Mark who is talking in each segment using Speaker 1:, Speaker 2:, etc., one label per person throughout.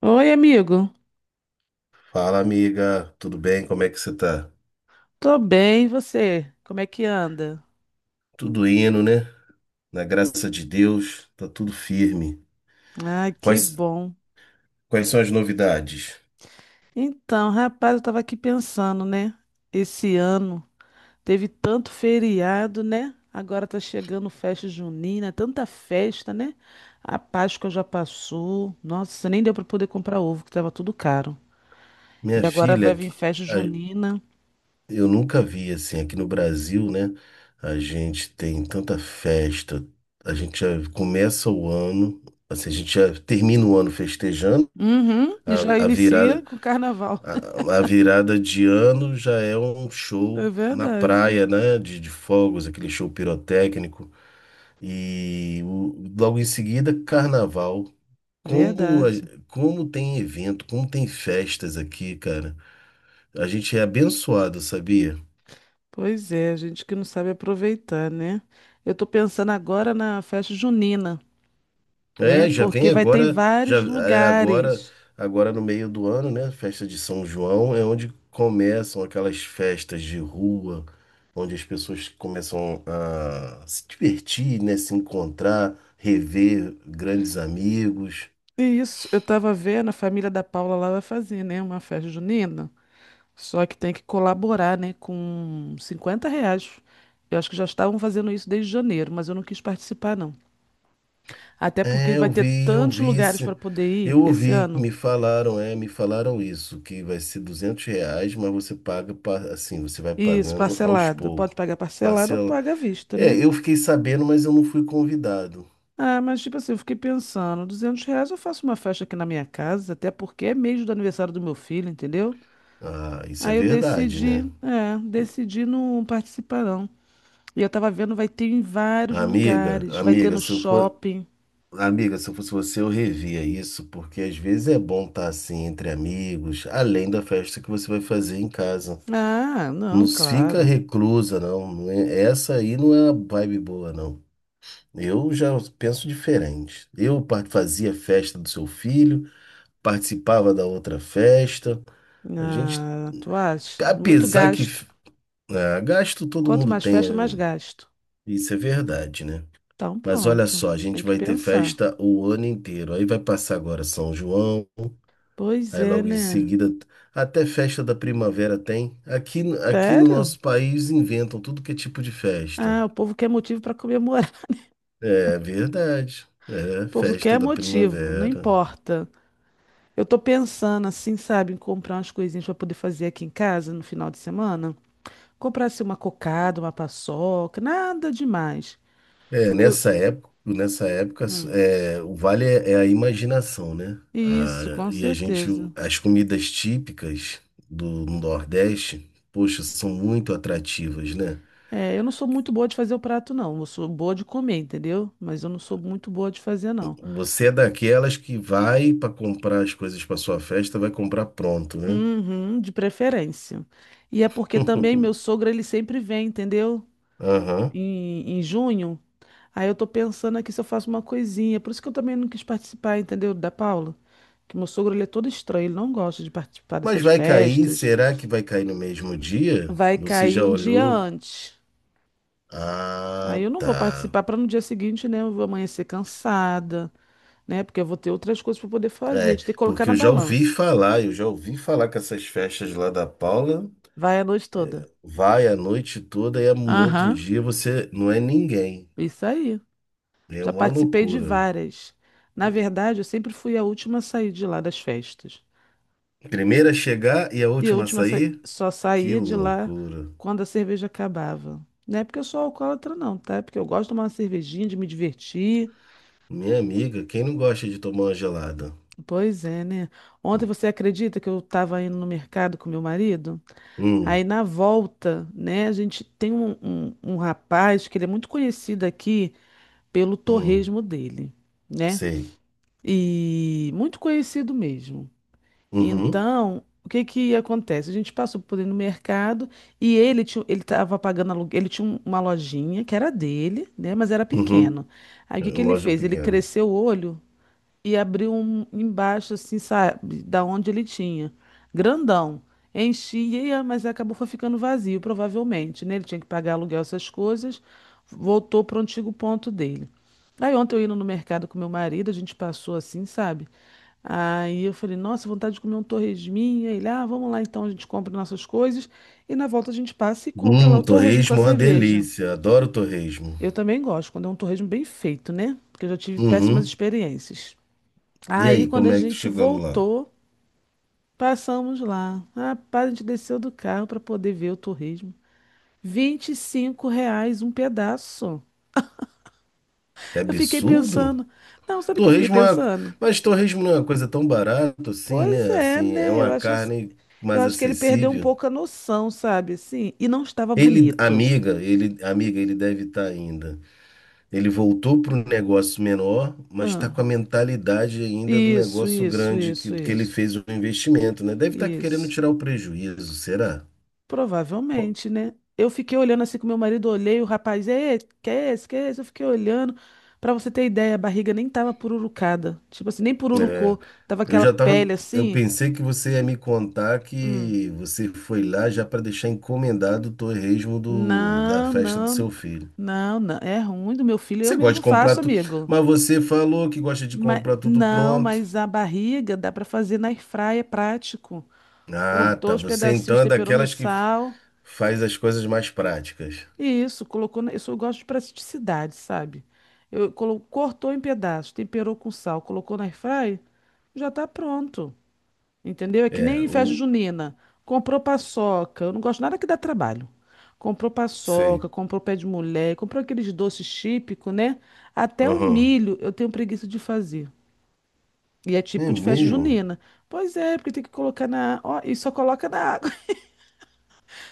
Speaker 1: Oi, amigo.
Speaker 2: Fala, amiga, tudo bem? Como é que você tá?
Speaker 1: Tô bem, e você? Como é que anda?
Speaker 2: Tudo indo, né? Na graça de Deus, tá tudo firme.
Speaker 1: Ah, que
Speaker 2: Quais,
Speaker 1: bom.
Speaker 2: quais são as novidades?
Speaker 1: Então, rapaz, eu tava aqui pensando, né? Esse ano teve tanto feriado, né? Agora tá chegando festa junina, tanta festa, né? A Páscoa já passou. Nossa, nem deu pra poder comprar ovo, que tava tudo caro.
Speaker 2: Minha
Speaker 1: E agora
Speaker 2: filha,
Speaker 1: vai vir festa junina.
Speaker 2: eu nunca vi assim, aqui no Brasil, né? A gente tem tanta festa, a gente já começa o ano, assim, a gente já termina o ano festejando,
Speaker 1: Uhum, e já
Speaker 2: a
Speaker 1: inicia
Speaker 2: virada,
Speaker 1: com carnaval.
Speaker 2: a virada de ano já é um show
Speaker 1: É
Speaker 2: na
Speaker 1: verdade.
Speaker 2: praia, né? De fogos, aquele show pirotécnico. Logo em seguida, carnaval. Como, a-
Speaker 1: Verdade.
Speaker 2: como tem evento, como tem festas aqui, cara. A gente é abençoado, sabia?
Speaker 1: Pois é, gente que não sabe aproveitar, né? Eu tô pensando agora na festa junina, né?
Speaker 2: É, já
Speaker 1: Porque
Speaker 2: vem
Speaker 1: vai ter em
Speaker 2: agora, já
Speaker 1: vários
Speaker 2: é agora,
Speaker 1: lugares.
Speaker 2: agora no meio do ano, né? Festa de São João é onde começam aquelas festas de rua, onde as pessoas começam a se divertir, né? Se encontrar, rever grandes amigos.
Speaker 1: E isso, eu tava vendo, a família da Paula lá vai fazer, né? Uma festa junina. Só que tem que colaborar, né? Com R$ 50. Eu acho que já estavam fazendo isso desde janeiro, mas eu não quis participar, não. Até porque
Speaker 2: É,
Speaker 1: vai ter
Speaker 2: eu
Speaker 1: tantos
Speaker 2: vi
Speaker 1: lugares
Speaker 2: esse,
Speaker 1: para poder ir
Speaker 2: eu
Speaker 1: esse
Speaker 2: ouvi,
Speaker 1: ano.
Speaker 2: me falaram, é, me falaram isso, que vai ser R$ 200, mas você paga, assim, você vai
Speaker 1: Isso,
Speaker 2: pagando aos
Speaker 1: parcelado.
Speaker 2: poucos.
Speaker 1: Pode pagar parcelado ou
Speaker 2: Parcela.
Speaker 1: paga à vista,
Speaker 2: É,
Speaker 1: né?
Speaker 2: eu fiquei sabendo, mas eu não fui convidado.
Speaker 1: Ah, mas tipo assim, eu fiquei pensando, R$ 200 eu faço uma festa aqui na minha casa, até porque é mês do aniversário do meu filho, entendeu?
Speaker 2: Ah, isso é
Speaker 1: Aí eu
Speaker 2: verdade, né?
Speaker 1: decidi, é, decidi não participar não. E eu tava vendo, vai ter em vários lugares, vai ter
Speaker 2: Amiga,
Speaker 1: no
Speaker 2: se eu for,
Speaker 1: shopping.
Speaker 2: amiga, se eu fosse você, eu revia isso, porque às vezes é bom estar assim entre amigos, além da festa que você vai fazer em casa.
Speaker 1: Ah,
Speaker 2: Não
Speaker 1: não,
Speaker 2: fica
Speaker 1: claro.
Speaker 2: reclusa, não. Essa aí não é a vibe boa, não. Eu já penso diferente. Fazia a festa do seu filho, participava da outra festa. A gente,
Speaker 1: Ah, tu acha? Muito
Speaker 2: apesar que
Speaker 1: gasto.
Speaker 2: ah, gasto todo
Speaker 1: Quanto
Speaker 2: mundo
Speaker 1: mais
Speaker 2: tem,
Speaker 1: festa, mais gasto.
Speaker 2: isso é verdade, né?
Speaker 1: Então
Speaker 2: Mas olha
Speaker 1: pronto, a
Speaker 2: só, a
Speaker 1: gente tem
Speaker 2: gente
Speaker 1: que
Speaker 2: vai ter
Speaker 1: pensar.
Speaker 2: festa o ano inteiro. Aí vai passar agora São João,
Speaker 1: Pois
Speaker 2: aí
Speaker 1: é,
Speaker 2: logo em
Speaker 1: né?
Speaker 2: seguida até festa da primavera tem. Aqui no
Speaker 1: Sério?
Speaker 2: nosso país inventam tudo que é tipo de festa.
Speaker 1: Ah, o povo quer motivo para comemorar.
Speaker 2: É verdade. É
Speaker 1: O povo quer
Speaker 2: festa da
Speaker 1: motivo, não
Speaker 2: primavera.
Speaker 1: importa. Eu tô pensando assim, sabe, em comprar umas coisinhas pra poder fazer aqui em casa no final de semana. Comprar assim uma cocada, uma paçoca, nada demais.
Speaker 2: É,
Speaker 1: Porque eu...
Speaker 2: nessa época,
Speaker 1: Hum,
Speaker 2: é, o vale é, é a imaginação, né?
Speaker 1: isso,
Speaker 2: Ah,
Speaker 1: com
Speaker 2: e a gente,
Speaker 1: certeza.
Speaker 2: as comidas típicas do Nordeste, poxa, são muito atrativas, né?
Speaker 1: É, eu não sou muito boa de fazer o prato, não. Eu sou boa de comer, entendeu? Mas eu não sou muito boa de fazer, não.
Speaker 2: Você é daquelas que vai para comprar as coisas para sua festa, vai comprar pronto, né?
Speaker 1: Uhum, de preferência. E é porque também meu sogro, ele sempre vem, entendeu?
Speaker 2: Aham.
Speaker 1: Em junho. Aí eu tô pensando aqui se eu faço uma coisinha. Por isso que eu também não quis participar, entendeu? Da Paula. Que meu sogro, ele é todo estranho. Ele não gosta de participar
Speaker 2: Mas
Speaker 1: dessas
Speaker 2: vai cair?
Speaker 1: festas.
Speaker 2: Será que vai cair no mesmo dia?
Speaker 1: Vai
Speaker 2: Você
Speaker 1: cair
Speaker 2: já
Speaker 1: um dia
Speaker 2: olhou?
Speaker 1: antes. Aí
Speaker 2: Ah,
Speaker 1: eu não vou
Speaker 2: tá.
Speaker 1: participar para no dia seguinte, né? Eu vou amanhecer cansada, né? Porque eu vou ter outras coisas para poder fazer. A
Speaker 2: É,
Speaker 1: gente tem que colocar
Speaker 2: porque
Speaker 1: na
Speaker 2: eu já ouvi
Speaker 1: balança.
Speaker 2: falar, eu já ouvi falar que essas festas lá da Paula
Speaker 1: Vai a noite toda.
Speaker 2: vai a noite toda e no outro
Speaker 1: Aham,
Speaker 2: dia você não é ninguém.
Speaker 1: isso aí.
Speaker 2: É
Speaker 1: Já
Speaker 2: uma
Speaker 1: participei de
Speaker 2: loucura.
Speaker 1: várias. Na verdade, eu sempre fui a última a sair de lá das festas.
Speaker 2: Primeira a chegar e a
Speaker 1: E a
Speaker 2: última a
Speaker 1: última
Speaker 2: sair?
Speaker 1: só
Speaker 2: Que
Speaker 1: saía de lá
Speaker 2: loucura.
Speaker 1: quando a cerveja acabava. Não é porque eu sou alcoólatra, não, tá? É porque eu gosto de tomar uma cervejinha, de me divertir.
Speaker 2: Minha amiga, quem não gosta de tomar uma gelada?
Speaker 1: Pois é, né? Ontem
Speaker 2: Hum,
Speaker 1: você acredita que eu estava indo no mercado com meu marido? Aí
Speaker 2: hum,
Speaker 1: na volta, né, a gente tem um rapaz que ele é muito conhecido aqui pelo
Speaker 2: hum,
Speaker 1: torresmo dele, né?
Speaker 2: sei.
Speaker 1: E muito conhecido mesmo.
Speaker 2: Uhum,
Speaker 1: Então, o que que acontece? A gente passou por ele no mercado e ele estava pagando aluguel, ele tinha uma lojinha que era dele, né? Mas era
Speaker 2: uhum.
Speaker 1: pequeno. Aí o
Speaker 2: É
Speaker 1: que que
Speaker 2: uma
Speaker 1: ele
Speaker 2: loja
Speaker 1: fez? Ele
Speaker 2: pequena.
Speaker 1: cresceu o olho e abriu um embaixo, assim, sabe, da onde ele tinha. Grandão. Enchia, mas acabou foi ficando vazio, provavelmente, né? Ele tinha que pagar aluguel, essas coisas. Voltou para o antigo ponto dele. Aí ontem eu indo no mercado com meu marido, a gente passou assim, sabe? Aí eu falei, nossa, vontade de comer um torresminha. Ele, ah, vamos lá então, a gente compra nossas coisas. E na volta a gente passa e compra lá o torresmo com a
Speaker 2: Torresmo é uma
Speaker 1: cerveja.
Speaker 2: delícia. Adoro torresmo.
Speaker 1: Eu também gosto, quando é um torresmo bem feito, né? Porque eu já tive péssimas
Speaker 2: Uhum.
Speaker 1: experiências.
Speaker 2: E
Speaker 1: Aí,
Speaker 2: aí,
Speaker 1: quando
Speaker 2: como
Speaker 1: a
Speaker 2: é que
Speaker 1: gente
Speaker 2: chegando lá?
Speaker 1: voltou, passamos lá. Rapaz, a gente desceu do carro para poder ver o torresmo. R$ 25 um pedaço.
Speaker 2: Que
Speaker 1: Eu fiquei
Speaker 2: absurdo!
Speaker 1: pensando. Não, sabe o que eu fiquei
Speaker 2: Torresmo é uma-
Speaker 1: pensando?
Speaker 2: Mas torresmo não é uma coisa tão barata assim,
Speaker 1: Pois
Speaker 2: né?
Speaker 1: é,
Speaker 2: Assim, é
Speaker 1: né? Eu
Speaker 2: uma
Speaker 1: acho,
Speaker 2: carne
Speaker 1: eu
Speaker 2: mais
Speaker 1: acho que ele perdeu um
Speaker 2: acessível.
Speaker 1: pouco a noção, sabe? Assim, e não estava bonito.
Speaker 2: Ele, amiga, ele deve estar ainda. Ele voltou para um negócio menor, mas está
Speaker 1: Ah,
Speaker 2: com a mentalidade ainda do
Speaker 1: isso,
Speaker 2: negócio
Speaker 1: isso,
Speaker 2: grande
Speaker 1: isso,
Speaker 2: que ele
Speaker 1: isso.
Speaker 2: fez o investimento, né? Deve estar querendo
Speaker 1: Isso.
Speaker 2: tirar o prejuízo, será? Pô,
Speaker 1: Provavelmente, né? Eu fiquei olhando assim com meu marido, olhei, o rapaz, é, que é esse, que é esse? Eu fiquei olhando. Pra você ter ideia, a barriga nem tava pururucada. Tipo assim, nem
Speaker 2: é,
Speaker 1: pururucou. Tava
Speaker 2: eu
Speaker 1: aquela
Speaker 2: já tava,
Speaker 1: pele
Speaker 2: eu
Speaker 1: assim.
Speaker 2: pensei que você ia me contar
Speaker 1: Hum.
Speaker 2: que você foi lá já para deixar encomendado o torresmo do, da
Speaker 1: Não,
Speaker 2: festa do
Speaker 1: não,
Speaker 2: seu filho.
Speaker 1: não, não. É ruim do meu filho, eu
Speaker 2: Você gosta de
Speaker 1: mesmo
Speaker 2: comprar
Speaker 1: faço,
Speaker 2: tudo,
Speaker 1: amigo.
Speaker 2: mas você falou que gosta de
Speaker 1: Mas,
Speaker 2: comprar tudo
Speaker 1: não,
Speaker 2: pronto.
Speaker 1: mas a barriga dá pra fazer na airfryer, é prático.
Speaker 2: Ah,
Speaker 1: Cortou
Speaker 2: tá.
Speaker 1: os
Speaker 2: Você
Speaker 1: pedacinhos,
Speaker 2: então é
Speaker 1: temperou no
Speaker 2: daquelas que f-
Speaker 1: sal.
Speaker 2: Faz as coisas mais práticas.
Speaker 1: Isso, colocou. Na- Eu, sou eu gosto de praticidade, sabe? Cortou em pedaços, temperou com sal, colocou na airfry, já tá pronto. Entendeu? É que
Speaker 2: É,
Speaker 1: nem em festa
Speaker 2: o.
Speaker 1: junina. Comprou paçoca. Eu não gosto nada que dá trabalho. Comprou
Speaker 2: Sei.
Speaker 1: paçoca, comprou pé de mulher, comprou aqueles doces típicos, né? Até o
Speaker 2: Aham.
Speaker 1: milho eu tenho preguiça de fazer. E é
Speaker 2: É
Speaker 1: típico de festa
Speaker 2: mesmo?
Speaker 1: junina. Pois é, porque tem que colocar na. Ó, e só coloca na.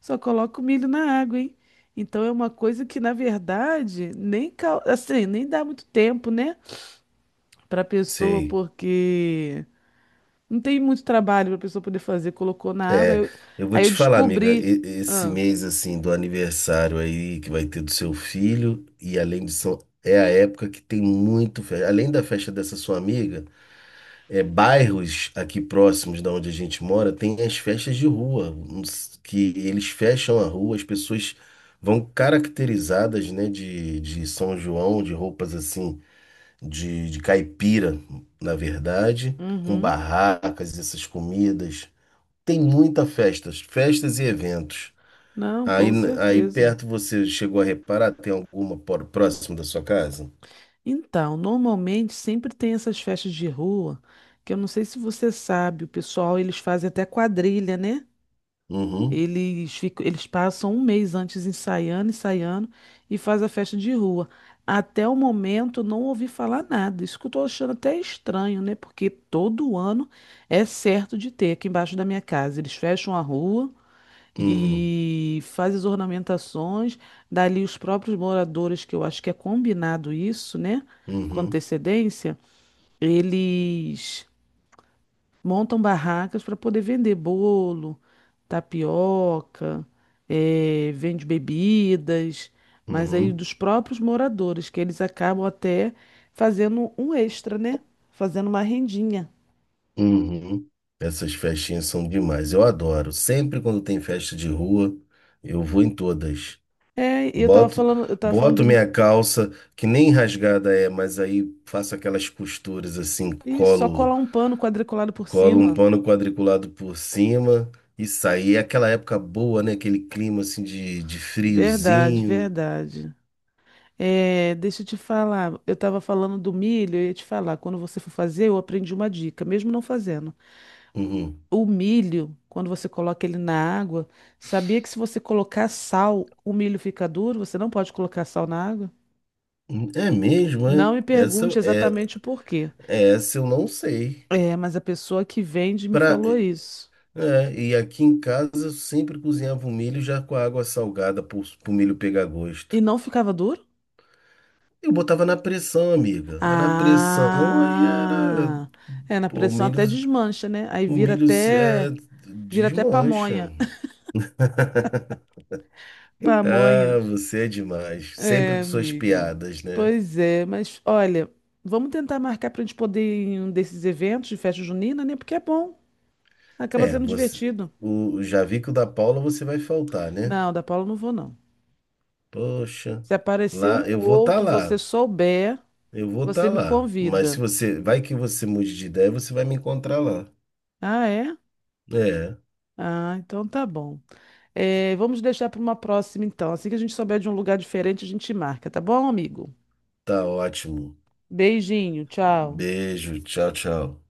Speaker 1: Só coloca o milho na água, hein? Então é uma coisa que, na verdade, nem, assim, nem dá muito tempo, né? Pra pessoa,
Speaker 2: Sei.
Speaker 1: porque não tem muito trabalho pra pessoa poder fazer. Colocou na água,
Speaker 2: É, eu vou
Speaker 1: aí
Speaker 2: te
Speaker 1: eu
Speaker 2: falar, amiga,
Speaker 1: descobri.
Speaker 2: esse
Speaker 1: Ah,
Speaker 2: mês assim do aniversário aí que vai ter do seu filho, e além disso, é a época que tem muito, além da festa dessa sua amiga. É, bairros aqui próximos da onde a gente mora, tem as festas de rua, uns- que eles fecham a rua, as pessoas vão caracterizadas, né, de São João, de roupas assim, de caipira, na verdade, com
Speaker 1: uhum.
Speaker 2: barracas, essas comidas. Tem muita festas, festas e eventos.
Speaker 1: Não, com
Speaker 2: Aí
Speaker 1: certeza.
Speaker 2: perto você chegou a reparar, tem alguma por- próximo da sua casa?
Speaker 1: Então, normalmente sempre tem essas festas de rua, que eu não sei se você sabe, o pessoal, eles fazem até quadrilha, né?
Speaker 2: Uhum,
Speaker 1: Eles ficam, eles passam um mês antes ensaiando, ensaiando e faz a festa de rua. Até o momento não ouvi falar nada. Isso que eu tô achando até estranho, né? Porque todo ano é certo de ter aqui embaixo da minha casa. Eles fecham a rua
Speaker 2: uhum,
Speaker 1: e fazem as ornamentações. Dali os próprios moradores, que eu acho que é combinado isso, né? Com
Speaker 2: uhum,
Speaker 1: antecedência, eles montam barracas para poder vender bolo, tapioca, eh, vende bebidas, mas aí
Speaker 2: uhum.
Speaker 1: dos próprios moradores, que eles acabam até fazendo um extra, né? Fazendo uma rendinha.
Speaker 2: Uhum. Essas festinhas são demais. Eu adoro. Sempre quando tem festa de rua, eu vou em todas.
Speaker 1: É, e eu tava
Speaker 2: Boto,
Speaker 1: falando, eu tava falando
Speaker 2: boto
Speaker 1: do...
Speaker 2: minha calça, que nem rasgada é, mas aí faço aquelas costuras assim,
Speaker 1: Ih, só
Speaker 2: colo,
Speaker 1: colar um pano quadriculado por
Speaker 2: colo um
Speaker 1: cima.
Speaker 2: pano quadriculado por cima e saio. E é aquela época boa, né? Aquele clima assim de
Speaker 1: Verdade,
Speaker 2: friozinho.
Speaker 1: verdade. É, deixa eu te falar, eu tava falando do milho, eu ia te falar, quando você for fazer, eu aprendi uma dica, mesmo não fazendo.
Speaker 2: Uhum.
Speaker 1: O milho, quando você coloca ele na água, sabia que se você colocar sal, o milho fica duro? Você não pode colocar sal na água?
Speaker 2: É mesmo, é?
Speaker 1: Não me pergunte
Speaker 2: Essa, é,
Speaker 1: exatamente o porquê.
Speaker 2: é essa eu não sei.
Speaker 1: É, mas a pessoa que vende me
Speaker 2: Pra,
Speaker 1: falou isso.
Speaker 2: é, e aqui em casa eu sempre cozinhava o milho já com a água salgada para o milho pegar
Speaker 1: E
Speaker 2: gosto.
Speaker 1: não ficava duro?
Speaker 2: Eu botava na pressão, amiga. Ah, na pressão aí era.
Speaker 1: Ah, é, na
Speaker 2: Pô,
Speaker 1: pressão até desmancha, né? Aí
Speaker 2: o
Speaker 1: vira
Speaker 2: milho
Speaker 1: até, vira até
Speaker 2: desmancha.
Speaker 1: pamonha. Pamonha.
Speaker 2: Ah, você é demais. Sempre
Speaker 1: É,
Speaker 2: com suas
Speaker 1: amiga.
Speaker 2: piadas, né?
Speaker 1: Pois é, mas olha, vamos tentar marcar para a gente poder ir em um desses eventos de festa junina, né? Porque é bom. Acaba
Speaker 2: É,
Speaker 1: sendo
Speaker 2: você.
Speaker 1: divertido.
Speaker 2: O Javico da Paula você vai faltar, né?
Speaker 1: Não, da Paula eu não vou, não.
Speaker 2: Poxa,
Speaker 1: Se aparecer um
Speaker 2: lá
Speaker 1: ou
Speaker 2: eu vou estar
Speaker 1: outro, você
Speaker 2: lá.
Speaker 1: souber,
Speaker 2: Eu vou estar
Speaker 1: você me
Speaker 2: lá. Mas se
Speaker 1: convida.
Speaker 2: você. Vai que você mude de ideia, você vai me encontrar lá.
Speaker 1: Ah, é?
Speaker 2: É.
Speaker 1: Ah, então tá bom. É, vamos deixar para uma próxima, então. Assim que a gente souber de um lugar diferente, a gente marca, tá bom, amigo?
Speaker 2: Tá ótimo.
Speaker 1: Beijinho, tchau.
Speaker 2: Beijo, tchau, tchau.